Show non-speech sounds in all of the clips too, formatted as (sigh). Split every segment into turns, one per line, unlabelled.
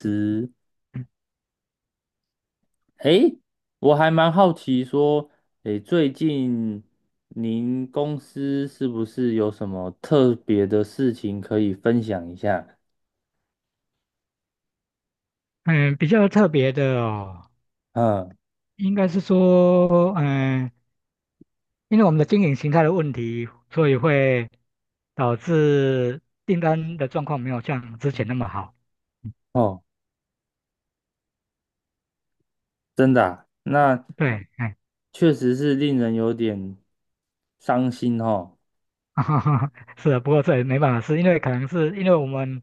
是，诶，我还蛮好奇说，诶，最近您公司是不是有什么特别的事情可以分享一下？
嗯，比较特别的哦，
嗯，
应该是说，嗯，因为我们的经营形态的问题，所以会导致订单的状况没有像之前那么好。
哦，真的啊，那
对，哎，
确实是令人有点伤心哦。
(laughs) 是的，不过这也没办法，是因为可能是因为我们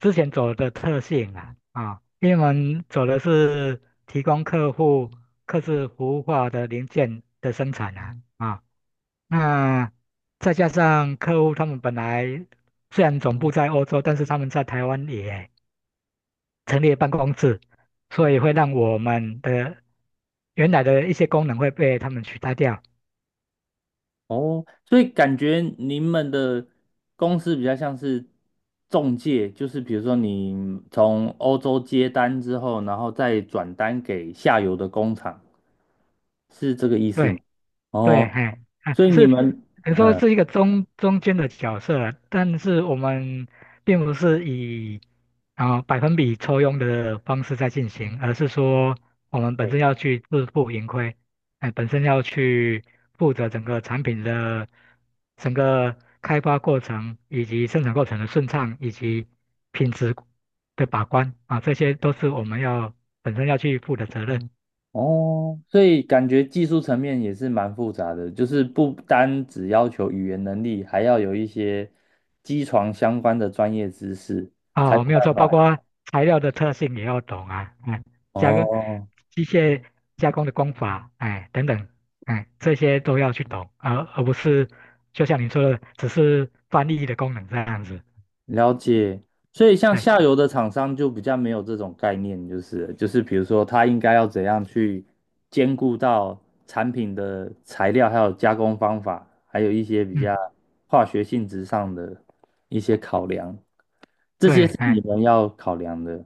之前走的特性啊，啊，因为我们走的是提供客户客制服务化的零件的生产啊，啊，那再加上客户他们本来虽然总部在欧洲，但是他们在台湾也成立了办公室，所以会让我们的原来的一些功能会被他们取代掉。
哦，所以感觉你们的公司比较像是中介，就是比如说你从欧洲接单之后，然后再转单给下游的工厂，是这个意思吗？
对。对，
哦，
哎，啊，
所以你
是，
们，
你说
嗯，
是一个中间的角色，但是我们并不是以啊、百分比抽佣的方式在进行，而是说我们本
对。
身要去自负盈亏，哎，本身要去负责整个产品的整个开发过程以及生产过程的顺畅以及品质的把关啊，这些都是我们要本身要去负的责任。
哦，所以感觉技术层面也是蛮复杂的，就是不单只要求语言能力，还要有一些机床相关的专业知识，才有
哦，没有
办
错，包
法。
括材料的特性也要懂啊，哎，加工
哦，
机械加工的工法，哎，等等，哎，这些都要去懂，而不是就像你说的，只是翻译的功能这样子。
了解，所以像
对，
下游的厂商就比较没有这种概念，就是比如说他应该要怎样去兼顾到产品的材料，还有加工方法，还有一些比
嗯，
较化学性质上的一些考量，这
对，
些是你
哎，
们要考量的。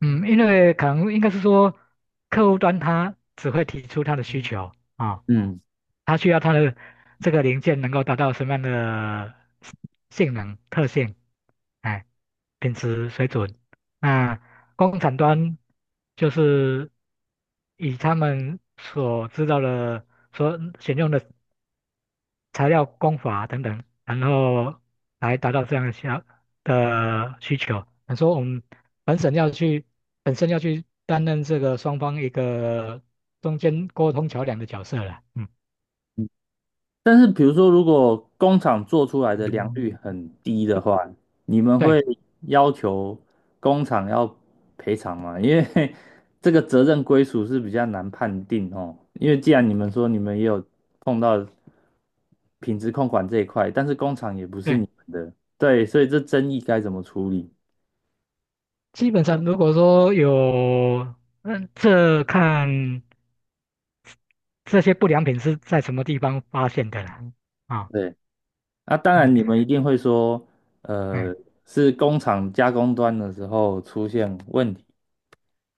嗯，因为可能应该是说，客户端他只会提出他的需求啊，哦
嗯。
它需要它的这个零件能够达到什么样的性能特性，哎，品质水准。那工厂端就是以他们所知道的、所选用的材料工法等等，然后来达到这样的需要的需求。你说我们本省要去，本身要去担任这个双方一个中间沟通桥梁的角色了，嗯。
但是比如说，如果工厂做出来的良率
嗯
很低的话，你们
对
会要求工厂要赔偿吗？因为 (laughs) 这个责任归属是比较难判定哦。因为既然你们说你们也有碰到品质控管这一块，但是工厂也不是
对，
你们的，对，所以这争议该怎么处理？
基本上如果说有，嗯，这看这些不良品是在什么地方发现的啦。啊、
对，那当
嗯
然你们一定会说，
嗯，
呃，是工厂加工端的时候出现问题。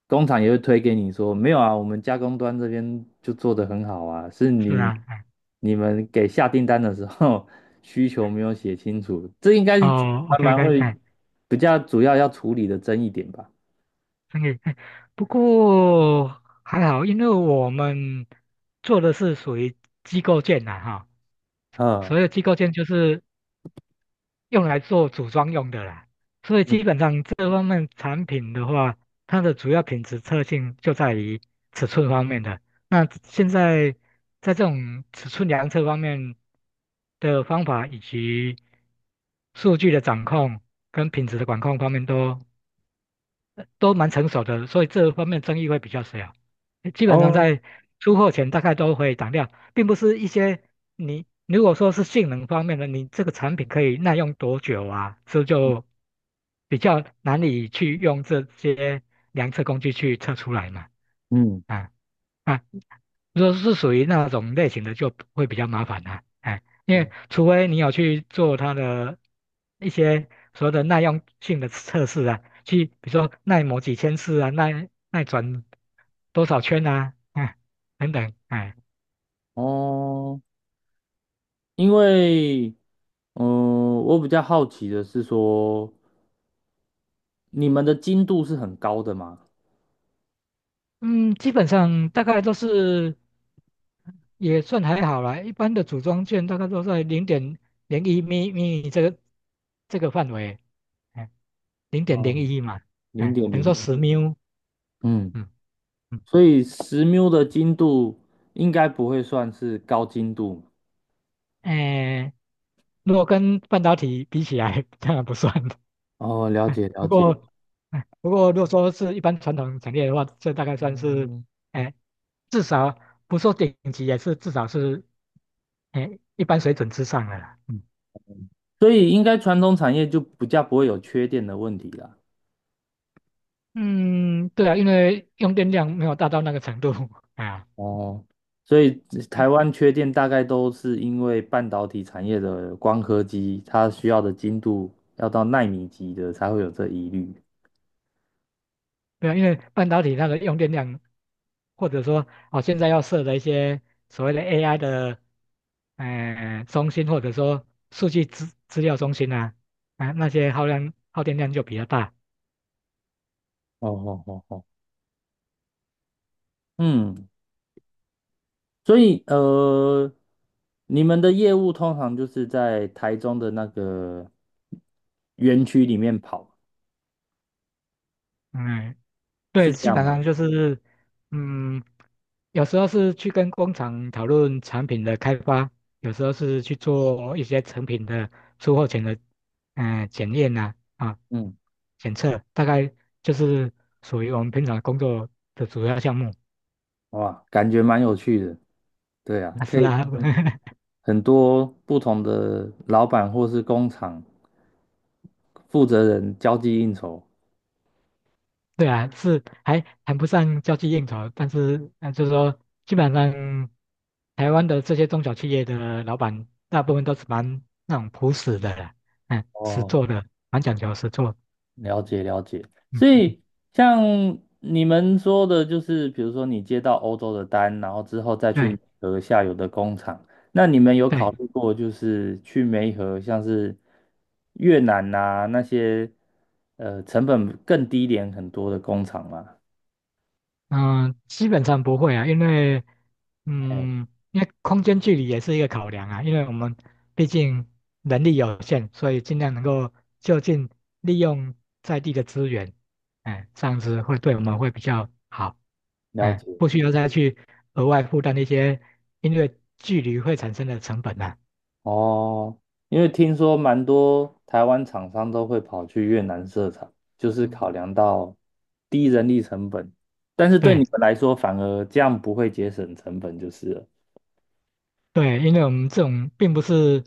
工厂也会推给你说，没有啊，我们加工端这边就做得很好啊，是
是
你
啊，哎，
你们给下订单的时候 (laughs) 需求没有写清楚，这应该是
哦，OK
蛮
OK,
会
哎，
比较主要要处理的争议点吧。
生意，哎，不过还好，因为我们做的是属于机构件的哈，
嗯，
所有机构件就是用来做组装用的啦。所以
嗯，
基本上这方面产品的话，它的主要品质特性就在于尺寸方面的。那现在在这种尺寸量测方面的方法以及数据的掌控跟品质的管控方面都蛮成熟的，所以这方面争议会比较小。基本上
哦，
在出货前大概都会挡掉，并不是一些你如果说是性能方面的，你这个产品可以耐用多久啊，这
嗯
就比较难以去用这些量测工具去测出来嘛。
嗯，
啊啊，如果是属于那种类型的，就会比较麻烦啦、哎，因
嗯。
为除非你有去做它的一些所谓的耐用性的测试啊，去比如说耐磨几千次啊，耐转多少圈啊，哎，等等，哎，
哦，因为嗯、呃我比较好奇的是说，你们的精度是很高的嘛？
嗯，基本上大概都是也算还好啦，一般的组装件大概都在零点零一米米这个这个范围，哎，零点
哦，
零一嘛，
零
哎，
点
等于
零
说
一，
十秒，嗯嗯，
所以十缪的精度应该不会算是高精度。
哎。如果跟半导体比起来，当然不算。
哦，了
(laughs)
解了
不
解，
过，哎不过如果说是一般传统产业的话，这大概算是，哎，至少不说顶级，也是至少是，哎，一般水准之上的啦。嗯，
所以应该传统产业就比较不会有缺电的问题啦。
嗯对啊，因为用电量没有大到那个程度 (laughs) 啊。
哦，所以台湾缺电大概都是因为半导体产业的光刻机，它需要的精度要到纳米级的才会有这疑虑。
对啊，因为半导体它的用电量，或者说哦，现在要设的一些所谓的 AI 的。哎、中心或者说数据资料中心啊，啊、那些耗量耗电量就比较大。
哦哦哦哦，嗯，所以你们的业务通常就是在台中的那个园区里面跑。
嗯，对，
是这
基
样
本
吗？
上就是，嗯，有时候是去跟工厂讨论产品的开发，有时候是去做一些成品的出货前的，嗯、检验呐啊，啊
嗯，
检测，大概就是属于我们平常工作的主要项目。
哇，感觉蛮有趣的。对啊，
啊，
可
是
以
啊，
跟
(laughs)
很多不同的老板或是工厂负责人交际应酬。
对啊，是还谈不上交际应酬，但是就是说，基本上台湾的这些中小企业的老板，大部分都是蛮那种朴实的啦，嗯，实
哦，
做的，蛮讲究实做，
了解了解。
嗯，
所以像你们说的，就是比如说你接到欧洲的单，然后之后再去美
对
和下游的工厂，那你们有
对。
考虑过就是去梅河，像是越南呐、啊那些成本更低廉很多的工厂吗？
嗯、基本上不会啊，因为，
哎，
嗯，因为空间距离也是一个考量啊，因为我们毕竟能力有限，所以尽量能够就近利用在地的资源，哎，这样子会对我们会比较好，
了
哎，
解。
不需要再去额外负担一些因为距离会产生的成本啊。
哦，因为听说蛮多台湾厂商都会跑去越南设厂，就是
嗯
考量到低人力成本，但是对你
对
们来说反而这样不会节省成本就是了。
对，因为我们这种并不是，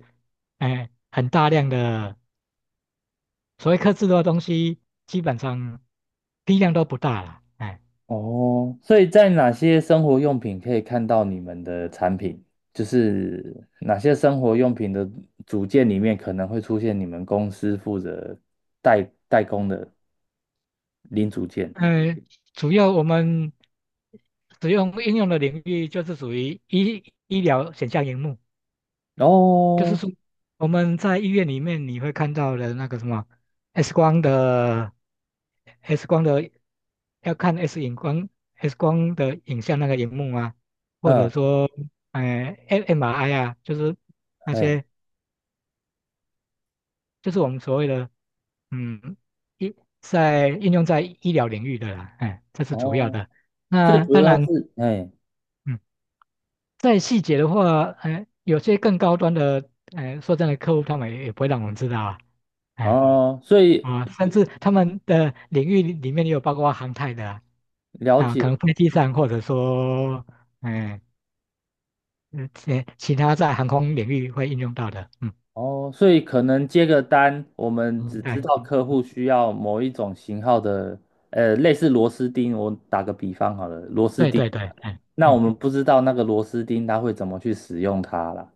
哎，很大量的。所谓克制的东西，基本上批量都不大了，哎，
哦，所以在哪些生活用品可以看到你们的产品？就是哪些生活用品的组件里面可能会出现你们公司负责代工的零组件？
呃，主要我们使用应用的领域就是属于医医疗显像荧幕，就是
哦，
说我们在医院里面你会看到的那个什么 X 光的 X 光的要看 X 荧光 X 光的影像那个荧幕啊，或者
嗯，
说呃 MRI 啊，就是。那
哎，
些就是我们所谓的嗯医在应用在医疗领域的啦，哎，这是主要
哦。
的。
所
那
以主
当
要
然，
是，哎，
嗯，在细节的话，哎，有些更高端的，哎，说真的，客户他们也不会让我们知道啊，哎，
哦，所以
啊，甚至他们的领域里面也有包括航太的啊，
了
啊
解，
可能飞机上或者说，哎，嗯，其他在航空领域会应用到的，嗯，
哦，所以可能接个单，我们只知
对，
道客户需要某一种型号的，呃，类似螺丝钉，我打个比方好了，螺丝
对
钉，
对对，哎。
那我
嗯
们不知道那个螺丝钉它会怎么去使用它啦，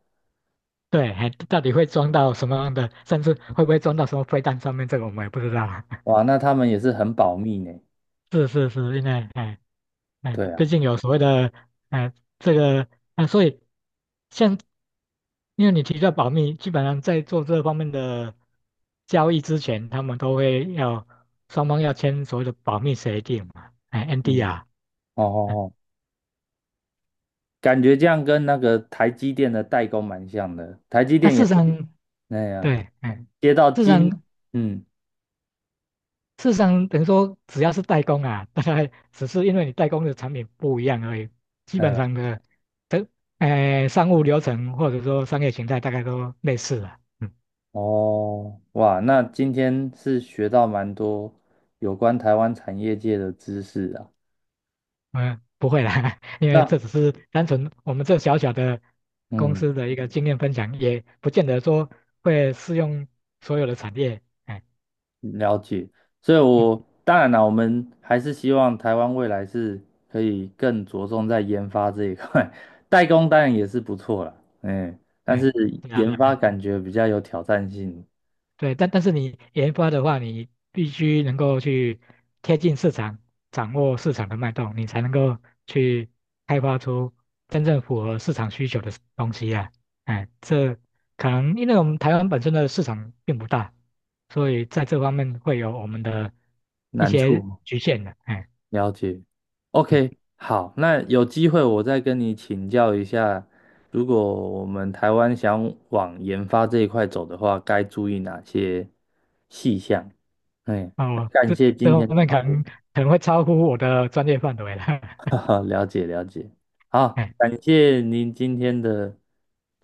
对，还到底会装到什么样的，甚至会不会装到什么飞弹上面，这个我们也不知道啊。(laughs)
哇，那他们也是很保密呢，
是是是，因为哎哎，
对
毕
啊，
竟有所谓的哎这个啊，所以像因为你提到保密，基本上在做这方面的交易之前，他们都会要双方要签所谓的保密协定嘛，哎 n d
嗯，
r
哦
哎
哦哦，感觉这样跟那个台积电的代工蛮像的，台积
那、
电
事
也
实
是
上
那样，
对，哎，
接到
事实
金，
上
嗯。
事实上，等于说只要是代工啊，(laughs) 大概只是因为你代工的产品不一样而已，基本
嗯。
上的，这商务流程或者说商业形态大概都类似了。嗯
哦，哇，那今天是学到蛮多有关台湾产业界的知识啊。
嗯，不会啦，(laughs) 因为这
那
只是单纯我们这小小的公
嗯，
司的一个经验分享，也不见得说会适用所有的产业。哎，
了解。所以
嗯，
我当然啦，我们还是希望台湾未来是可以更着重在研发这一块，(laughs) 代工当然也是不错啦，嗯，但
对，
是
对啊，
研发
嗯
感觉比较有挑战性
对，但但是你研发的话，你必须能够去贴近市场，掌握市场的脉动，你才能够去开发出真正符合市场需求的东西啊。哎，这可能因为我们台湾本身的市场并不大，所以在这方面会有我们的一
难
些
处。
局限的。哎，
了解
嗯，
，OK，好，那有机会我再跟你请教一下，如果我们台湾想往研发这一块走的话，该注意哪些细项？哎，
那我
感
这
谢
这
今天的
方面
讨
可
论，
能可能会超乎我的专业范围了。
(laughs) 哈
(laughs)
哈，了解了解，好，
哎，
感谢您今天的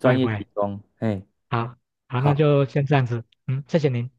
不会
业
不
提
会，
供，哎，
好，好，那
好。
就先这样子。嗯，谢谢您。